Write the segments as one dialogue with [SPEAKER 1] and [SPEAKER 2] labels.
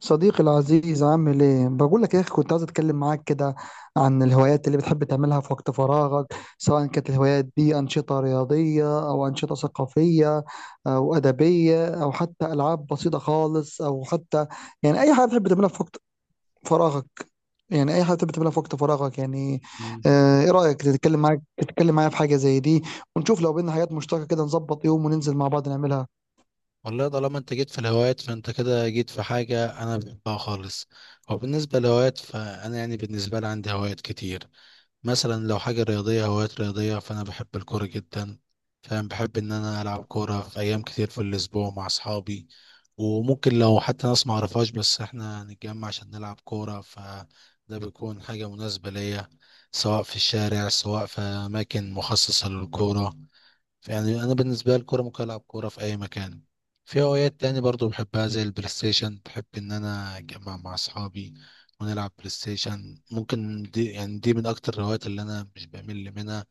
[SPEAKER 1] صديقي العزيز عامل ايه؟ بقول لك يا اخي كنت عايز اتكلم معاك كده عن الهوايات اللي بتحب تعملها في وقت فراغك سواء كانت الهوايات دي انشطة رياضية او انشطة ثقافية او ادبية او حتى العاب بسيطة خالص او حتى يعني اي حاجة بتحب تعملها في وقت فراغك يعني اي حاجة بتحب تعملها في وقت فراغك يعني.
[SPEAKER 2] مم.
[SPEAKER 1] ايه رأيك تتكلم معايا في حاجة زي دي ونشوف لو بينا حاجات مشتركة كده نظبط يوم وننزل مع بعض نعملها.
[SPEAKER 2] والله طالما انت جيت في الهوايات فانت كده جيت في حاجة انا بحبها خالص. وبالنسبة للهوايات، فانا يعني بالنسبة لي عندي هوايات كتير. مثلا لو حاجة رياضية، هوايات رياضية، فانا بحب الكورة جدا. فانا بحب ان انا العب كورة في ايام كتير في الاسبوع مع اصحابي، وممكن لو حتى ناس معرفهاش، بس احنا نتجمع عشان نلعب كورة، فده بيكون حاجة مناسبة ليا، سواء في الشارع سواء في اماكن مخصصة للكورة. يعني انا بالنسبه لي الكوره ممكن العب كوره في اي مكان. في هوايات تاني برضو بحبها زي البلاي ستيشن، بحب ان انا اجمع مع اصحابي ونلعب بلاي ستيشن. ممكن دي، يعني دي من اكتر الهوايات اللي انا مش بمل منها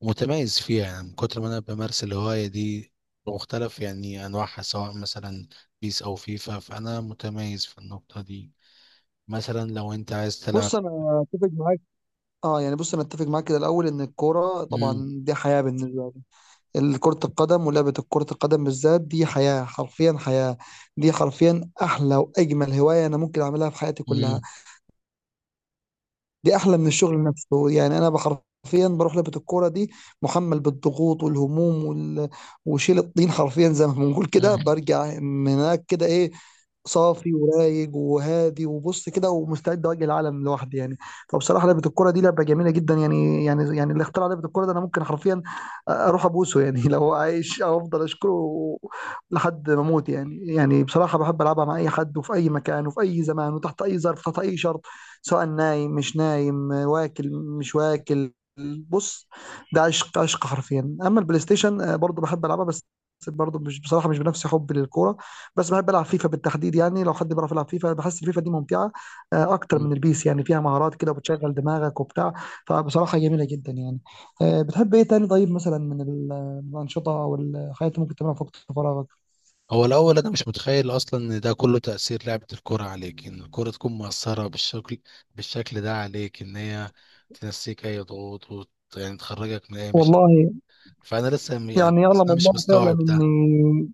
[SPEAKER 2] ومتميز فيها، يعني من كتر ما انا بمارس الهوايه دي بمختلف يعني انواعها، سواء مثلا بيس او فيفا. فانا متميز في النقطه دي. مثلا لو انت عايز تلعب.
[SPEAKER 1] بص انا اتفق معاك. اه، يعني بص انا اتفق معاك كده الاول ان الكوره طبعا
[SPEAKER 2] مم.
[SPEAKER 1] دي حياه بالنسبه لي، كره القدم ولعبه كره القدم بالذات دي حياه، حرفيا حياه. دي حرفيا احلى واجمل هوايه انا ممكن اعملها في حياتي كلها.
[SPEAKER 2] مم.
[SPEAKER 1] دي احلى من الشغل نفسه، يعني انا بحرفيا بروح لعبه الكوره دي محمل بالضغوط والهموم وشيل الطين حرفيا زي ما بنقول كده، برجع من هناك كده ايه، صافي ورايق وهادي وبص كده ومستعد اواجه العالم لوحدي يعني. فبصراحه لعبه الكوره دي لعبه جميله جدا، يعني اللي اخترع لعبه الكوره ده انا ممكن حرفيا اروح ابوسه يعني لو هو عايش، او افضل اشكره لحد ما اموت يعني. بصراحه بحب العبها مع اي حد وفي اي مكان وفي اي زمان وتحت اي ظرف، تحت اي شرط، سواء نايم مش نايم، واكل مش واكل. بص، ده عشق، عشق حرفيا. اما البلاي ستيشن برضه بحب العبها، بس برضه مش، بصراحه مش بنفس حبي للكوره. بس بحب العب فيفا بالتحديد، يعني لو حد بيعرف يلعب فيفا بحس الفيفا دي ممتعه اكتر
[SPEAKER 2] مم.
[SPEAKER 1] من البيس، يعني فيها مهارات كده وبتشغل دماغك وبتاع. فبصراحه جميله جدا يعني. بتحب ايه تاني طيب؟ مثلا من الانشطه او الحاجات اللي ممكن تعملها في وقت فراغك؟
[SPEAKER 2] هو الأول أنا مش متخيل أصلا إن ده كله تأثير لعبة الكرة عليك، إن الكرة تكون مؤثرة بالشكل ده عليك، إن هي تنسيك أي ضغوط يعني تخرجك من أي مشاكل.
[SPEAKER 1] والله
[SPEAKER 2] فأنا لسه يعني
[SPEAKER 1] يعني
[SPEAKER 2] بس
[SPEAKER 1] يعلم
[SPEAKER 2] أنا مش
[SPEAKER 1] الله فعلا
[SPEAKER 2] مستوعب ده.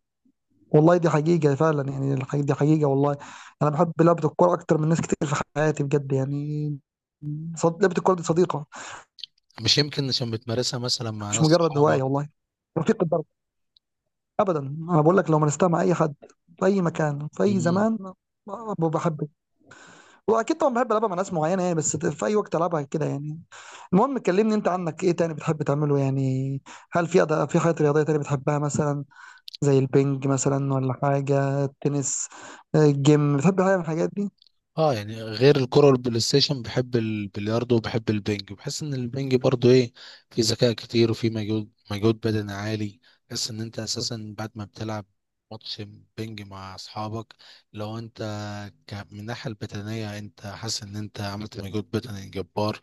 [SPEAKER 1] والله دي حقيقه فعلا، يعني دي حقيقه والله. انا بحب لعبه الكوره اكتر من ناس كتير في حياتي بجد يعني. لعبه الكوره دي صديقه،
[SPEAKER 2] مش يمكن عشان بتمارسها مثلا مع
[SPEAKER 1] مش
[SPEAKER 2] ناس
[SPEAKER 1] مجرد
[SPEAKER 2] صحابك؟
[SPEAKER 1] هوايه والله، رفيق الدرب. ابدا، انا بقول لك لو مارستها مع اي حد في اي مكان في اي زمان، بحب. واكيد طبعا بحب العبها مع ناس معينه يعني، بس في اي وقت العبها كده يعني. المهم كلمني انت، عنك ايه تاني بتحب تعمله يعني؟ هل في أداء، في حاجات رياضيه تانية بتحبها مثلا؟ زي البنج مثلا، ولا حاجه التنس، الجيم، بتحب حاجه من الحاجات دي؟
[SPEAKER 2] اه، يعني غير الكرة والبلاي ستيشن بحب البلياردو وبحب البنج. بحس ان البنج برضو ايه، في ذكاء كتير وفي مجهود بدني عالي. بحس ان انت اساسا بعد ما بتلعب ماتش بنج مع اصحابك، لو انت من الناحية البدنية انت حاسس ان انت عملت مجهود بدني جبار،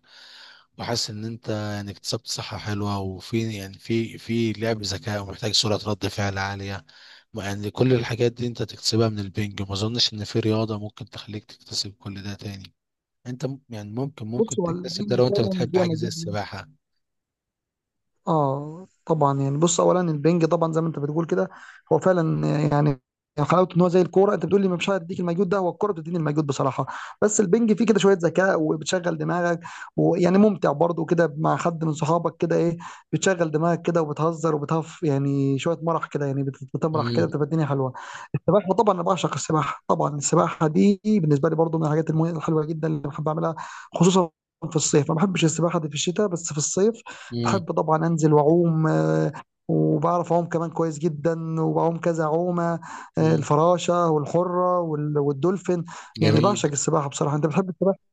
[SPEAKER 2] وحاسس ان انت يعني اكتسبت صحة حلوة، وفي يعني في لعب ذكاء، ومحتاج سرعة رد فعل عالية. يعني كل الحاجات دي انت تكتسبها من البنج. ما اظنش ان في رياضة ممكن تخليك تكتسب كل ده تاني. انت يعني ممكن
[SPEAKER 1] بص
[SPEAKER 2] ممكن
[SPEAKER 1] هو
[SPEAKER 2] تكتسب ده
[SPEAKER 1] البنج
[SPEAKER 2] لو انت
[SPEAKER 1] فعلا
[SPEAKER 2] بتحب
[SPEAKER 1] فيها
[SPEAKER 2] حاجة زي
[SPEAKER 1] مجال.
[SPEAKER 2] السباحة.
[SPEAKER 1] اه طبعا، يعني بص اولا البنج طبعا زي ما انت بتقول كده، هو فعلا يعني حلاوته ان هو زي الكوره، انت بتقول لي مش هيديك المجهود، ده هو الكوره بتديني المجهود بصراحه. بس البنج فيه كده شويه ذكاء وبتشغل دماغك، ويعني ممتع برضه كده مع حد من صحابك كده ايه، بتشغل دماغك كده وبتهزر وبتهف، يعني شويه مرح كده، يعني بتمرح كده،
[SPEAKER 2] امم.
[SPEAKER 1] بتبقى الدنيا حلوه. السباحة طبعا، أنا بعشق السباحة طبعا، السباحة دي بالنسبة لي برضو من الحاجات الحلوة جدا اللي بحب أعملها، خصوصا في الصيف، ما بحبش السباحة دي في الشتاء، بس في الصيف
[SPEAKER 2] امم.
[SPEAKER 1] بحب طبعا أنزل وأعوم وبعرف أعوم كمان كويس جدا، وبعوم كذا عومة،
[SPEAKER 2] امم.
[SPEAKER 1] الفراشة والحرة والدولفين، يعني
[SPEAKER 2] جميل.
[SPEAKER 1] بعشق السباحة بصراحة. أنت بتحب السباحة؟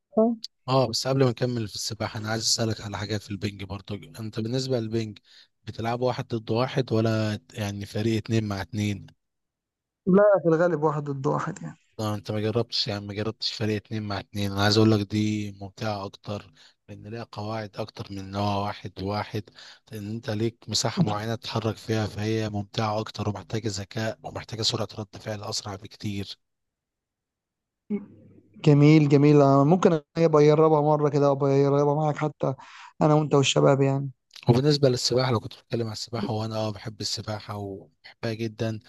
[SPEAKER 2] اه، بس قبل ما اكمل في السباحة، انا عايز اسألك على حاجات في البنج برضو. انت بالنسبة للبنج بتلعب واحد ضد واحد، ولا يعني فريق اتنين مع اتنين؟
[SPEAKER 1] لا، في الغالب واحد ضد واحد يعني.
[SPEAKER 2] لا، انت ما جربتش، يعني ما جربتش فريق اتنين مع اتنين. انا عايز اقول لك دي ممتعة اكتر، لان ليها قواعد اكتر من ان هو واحد واحد. لان انت ليك مساحة معينة تتحرك فيها، فهي ممتعة اكتر ومحتاجة ذكاء ومحتاجة سرعة رد فعل اسرع بكتير.
[SPEAKER 1] جميل جميل، ممكن أبقى أجربها مرة كده، أبقى أجربها معاك حتى، أنا وأنت والشباب يعني.
[SPEAKER 2] وبالنسبة للسباحة، لو كنت بتكلم عن السباحة، وانا بحب السباحة وبحبها جدا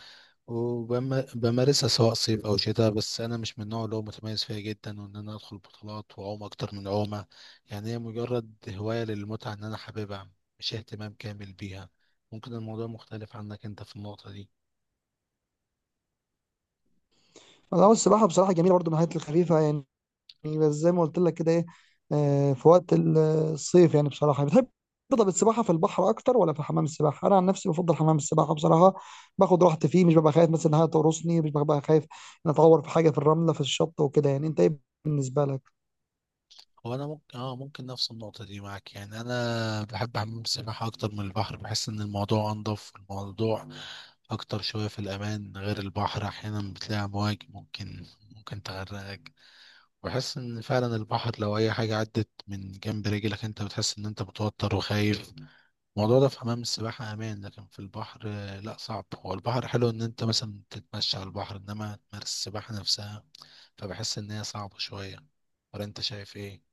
[SPEAKER 2] وبمارسها سواء صيف او شتاء. بس انا مش من النوع اللي هو متميز فيها جدا، وان انا ادخل بطولات واعوم اكتر من عومه. يعني هي مجرد هوايه للمتعه ان انا حاببها، مش اهتمام كامل بيها. ممكن الموضوع مختلف عنك انت في النقطه دي.
[SPEAKER 1] لا هو السباحة بصراحة جميلة برضه، من الحاجات الخفيفة يعني. بس زي ما قلت لك كده ايه، في وقت الصيف، يعني بصراحة بتحب تفضل السباحة في البحر أكتر ولا في حمام السباحة؟ أنا عن نفسي بفضل حمام السباحة بصراحة، باخد راحتي فيه، مش ببقى خايف مثلا إن حاجة تقرصني، مش ببقى خايف إن أتعور في حاجة في الرملة في الشط وكده يعني. أنت إيه بالنسبة لك؟
[SPEAKER 2] هو انا ممكن ممكن نفس النقطه دي معاك. يعني انا بحب حمام السباحه اكتر من البحر. بحس ان الموضوع انضف، الموضوع اكتر شويه في الامان، غير البحر. احيانا بتلاقي امواج ممكن تغرقك. بحس ان فعلا البحر لو اي حاجه عدت من جنب رجلك، انت بتحس ان انت متوتر وخايف. الموضوع ده في حمام السباحه امان، لكن في البحر لا، صعب. هو البحر حلو ان انت مثلا تتمشى على البحر، انما تمارس السباحه نفسها، فبحس ان هي صعبه شويه. ولا انت شايف ايه؟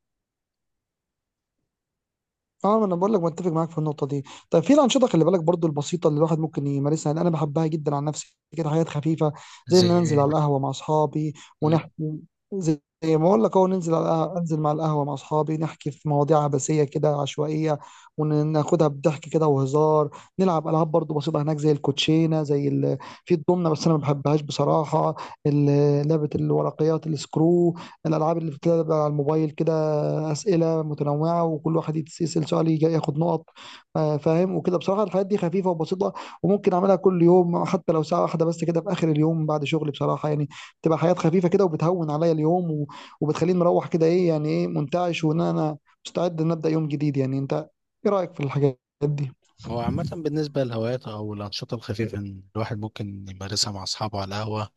[SPEAKER 1] اه، ما انا بقول لك متفق معاك في النقطه دي. طيب في الانشطه، خلي بالك برضو، البسيطه اللي الواحد ممكن يمارسها، يعني انا بحبها جدا عن نفسي كده، حاجات خفيفه زي
[SPEAKER 2] زي
[SPEAKER 1] ان انزل
[SPEAKER 2] ايه؟
[SPEAKER 1] على القهوه مع اصحابي
[SPEAKER 2] مم.
[SPEAKER 1] ونحكي، زي ما اقول لك اهو، ننزل على القهوة، انزل مع القهوه مع اصحابي نحكي في مواضيع عبثيه كده، عشوائيه، وناخدها بضحك كده وهزار. نلعب العاب برضو بسيطه هناك زي الكوتشينه، زي ال... في الضمنه بس انا ما بحبهاش بصراحه، لعبه الورقيات السكرو، الالعاب اللي بتلعب على الموبايل كده، اسئله متنوعه وكل واحد يتسال سؤال ياخد نقط، فاهم وكده. بصراحه الحاجات دي خفيفه وبسيطه، وممكن اعملها كل يوم حتى لو ساعه واحده بس كده في اخر اليوم بعد شغل، بصراحه يعني بتبقى حاجات خفيفه كده وبتهون عليا اليوم وبتخليني مروح كده ايه، يعني ايه، منتعش وان انا مستعد ان ابدا يوم جديد يعني. انت ايه رايك في الحاجات دي؟
[SPEAKER 2] هو عامه بالنسبه للهوايات او الانشطه الخفيفه، إن الواحد ممكن يمارسها مع اصحابه على القهوه،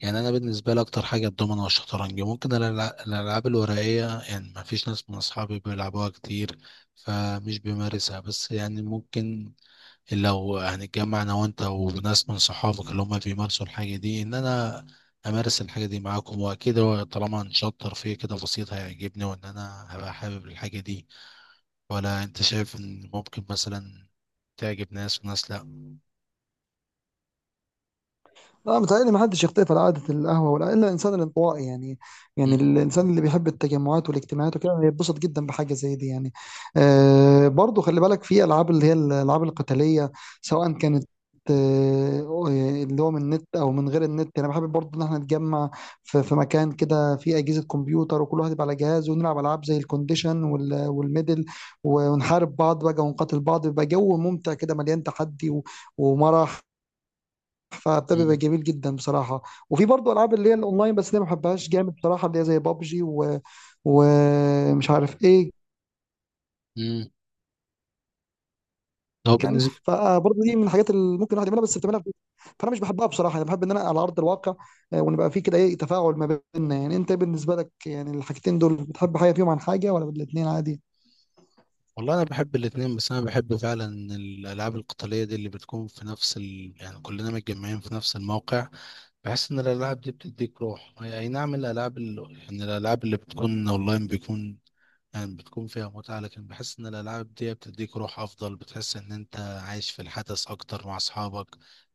[SPEAKER 2] يعني انا بالنسبه لي اكتر حاجه الدومينو والشطرنج. ممكن الالعاب الورقيه، يعني ما فيش ناس من اصحابي بيلعبوها كتير، فمش بيمارسها. بس يعني ممكن لو هنتجمع انا وانت وناس من صحابك اللي هم بيمارسوا الحاجه دي، ان انا امارس الحاجه دي معاكم. واكيد هو طالما هنشطر فيه كده بسيط هيعجبني وان انا هبقى حابب الحاجه دي. ولا انت شايف ان ممكن مثلا تعجب ناس وناس، لا. مم.
[SPEAKER 1] لا متهيألي ما حدش يختلف على عادة القهوة، ولا إلا الإنسان الانطوائي يعني، يعني الإنسان اللي بيحب التجمعات والاجتماعات وكده بيتبسط جدا بحاجة زي دي يعني. برضو خلي بالك في ألعاب، اللي هي الألعاب القتالية سواء كانت آه، اللي هو من النت او من غير النت، انا بحب برضو ان احنا نتجمع في مكان كده فيه اجهزه كمبيوتر وكل واحد يبقى على جهاز، ونلعب العاب زي الكونديشن والميدل، ونحارب بعض بقى ونقاتل بعض، بيبقى جو ممتع كده مليان تحدي ومرح، فده بيبقى
[SPEAKER 2] مم.
[SPEAKER 1] جميل جدا بصراحه. وفي برضه العاب اللي هي الاونلاين، بس دي ما بحبهاش جامد بصراحه، اللي هي زي بابجي و... ومش عارف ايه،
[SPEAKER 2] مم. هو
[SPEAKER 1] يعني
[SPEAKER 2] بالنسبة.
[SPEAKER 1] فبرضه دي من الحاجات اللي ممكن الواحد يعملها بس بتعملها في بيته. فانا مش بحبها بصراحه، انا بحب ان انا على ارض الواقع ونبقى في كده ايه، تفاعل ما بيننا يعني. انت بالنسبه لك يعني الحاجتين دول، بتحب حاجه فيهم عن حاجه ولا الاثنين عادي؟
[SPEAKER 2] والله انا بحب الاتنين، بس انا بحب فعلا الالعاب القتاليه دي اللي بتكون في نفس يعني كلنا متجمعين في نفس الموقع. بحس ان الالعاب دي بتديك روح، هي اي نعم الالعاب يعني الالعاب اللي بتكون اونلاين بيكون يعني بتكون فيها متعة، لكن بحس إن الألعاب دي بتديك روح أفضل. بتحس إن أنت عايش في الحدث أكتر مع أصحابك،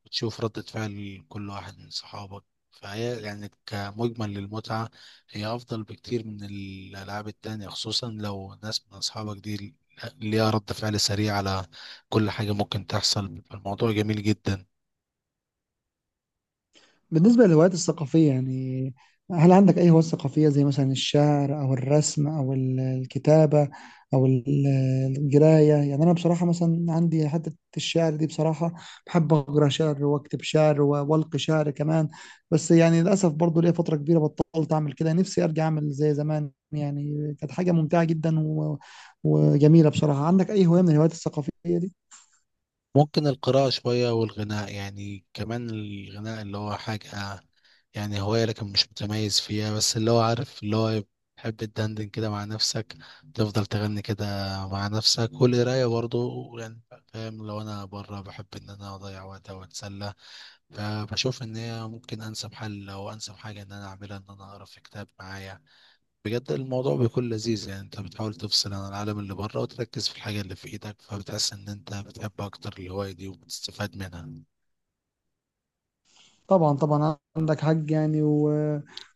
[SPEAKER 2] بتشوف ردة فعل كل واحد من صحابك. فهي يعني كمجمل للمتعة هي أفضل بكتير من الألعاب التانية، خصوصا لو ناس من أصحابك دي ليها رد فعل سريع على كل حاجة ممكن تحصل، بيبقى الموضوع جميل جدا.
[SPEAKER 1] بالنسبة للهوايات الثقافية يعني، هل عندك أي هوايات ثقافية زي مثلا الشعر أو الرسم أو الكتابة أو القراية؟ يعني أنا بصراحة مثلا عندي حتة الشعر دي، بصراحة بحب أقرأ شعر وأكتب شعر وألقي شعر كمان، بس يعني للأسف برضو ليا فترة كبيرة بطلت أعمل كده، نفسي أرجع أعمل زي زمان، يعني كانت حاجة ممتعة جدا و... وجميلة بصراحة. عندك أي هواية من الهوايات الثقافية دي؟
[SPEAKER 2] ممكن القراءة شوية والغناء. يعني كمان الغناء اللي هو حاجة يعني هواية، لكن مش متميز فيها، بس اللي هو عارف اللي هو تحب تدندن كده مع نفسك، تفضل تغني كده مع نفسك. والقراية برضو، يعني فاهم، لو أنا بره بحب إن أنا أضيع وقت أو أتسلى، فبشوف إن هي ممكن أنسب حل أو أنسب حاجة إن أنا أعملها، إن أنا أقرأ في كتاب معايا. بجد الموضوع بيكون لذيذ، يعني انت بتحاول تفصل عن العالم اللي بره وتركز في الحاجة اللي في ايدك، فبتحس ان انت بتحب اكتر الهواية دي وبتستفاد منها.
[SPEAKER 1] طبعا طبعا عندك حق يعني و...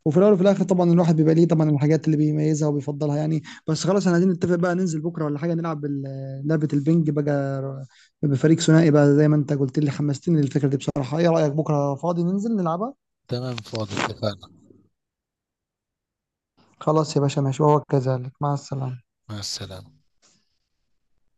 [SPEAKER 1] وفي الاول وفي الاخر طبعا الواحد بيبقى ليه طبعا الحاجات اللي بيميزها وبيفضلها يعني. بس خلاص احنا عايزين نتفق بقى، ننزل بكره ولا حاجه نلعب لعبه البنج بقى بفريق ثنائي بقى، زي ما انت قلت لي حمستني للفكره دي بصراحه. ايه رايك بكره فاضي ننزل نلعبها؟
[SPEAKER 2] تمام، فاضي، اتفقنا.
[SPEAKER 1] خلاص يا باشا، ماشي، وهو كذلك، مع السلامه.
[SPEAKER 2] مع السلامة.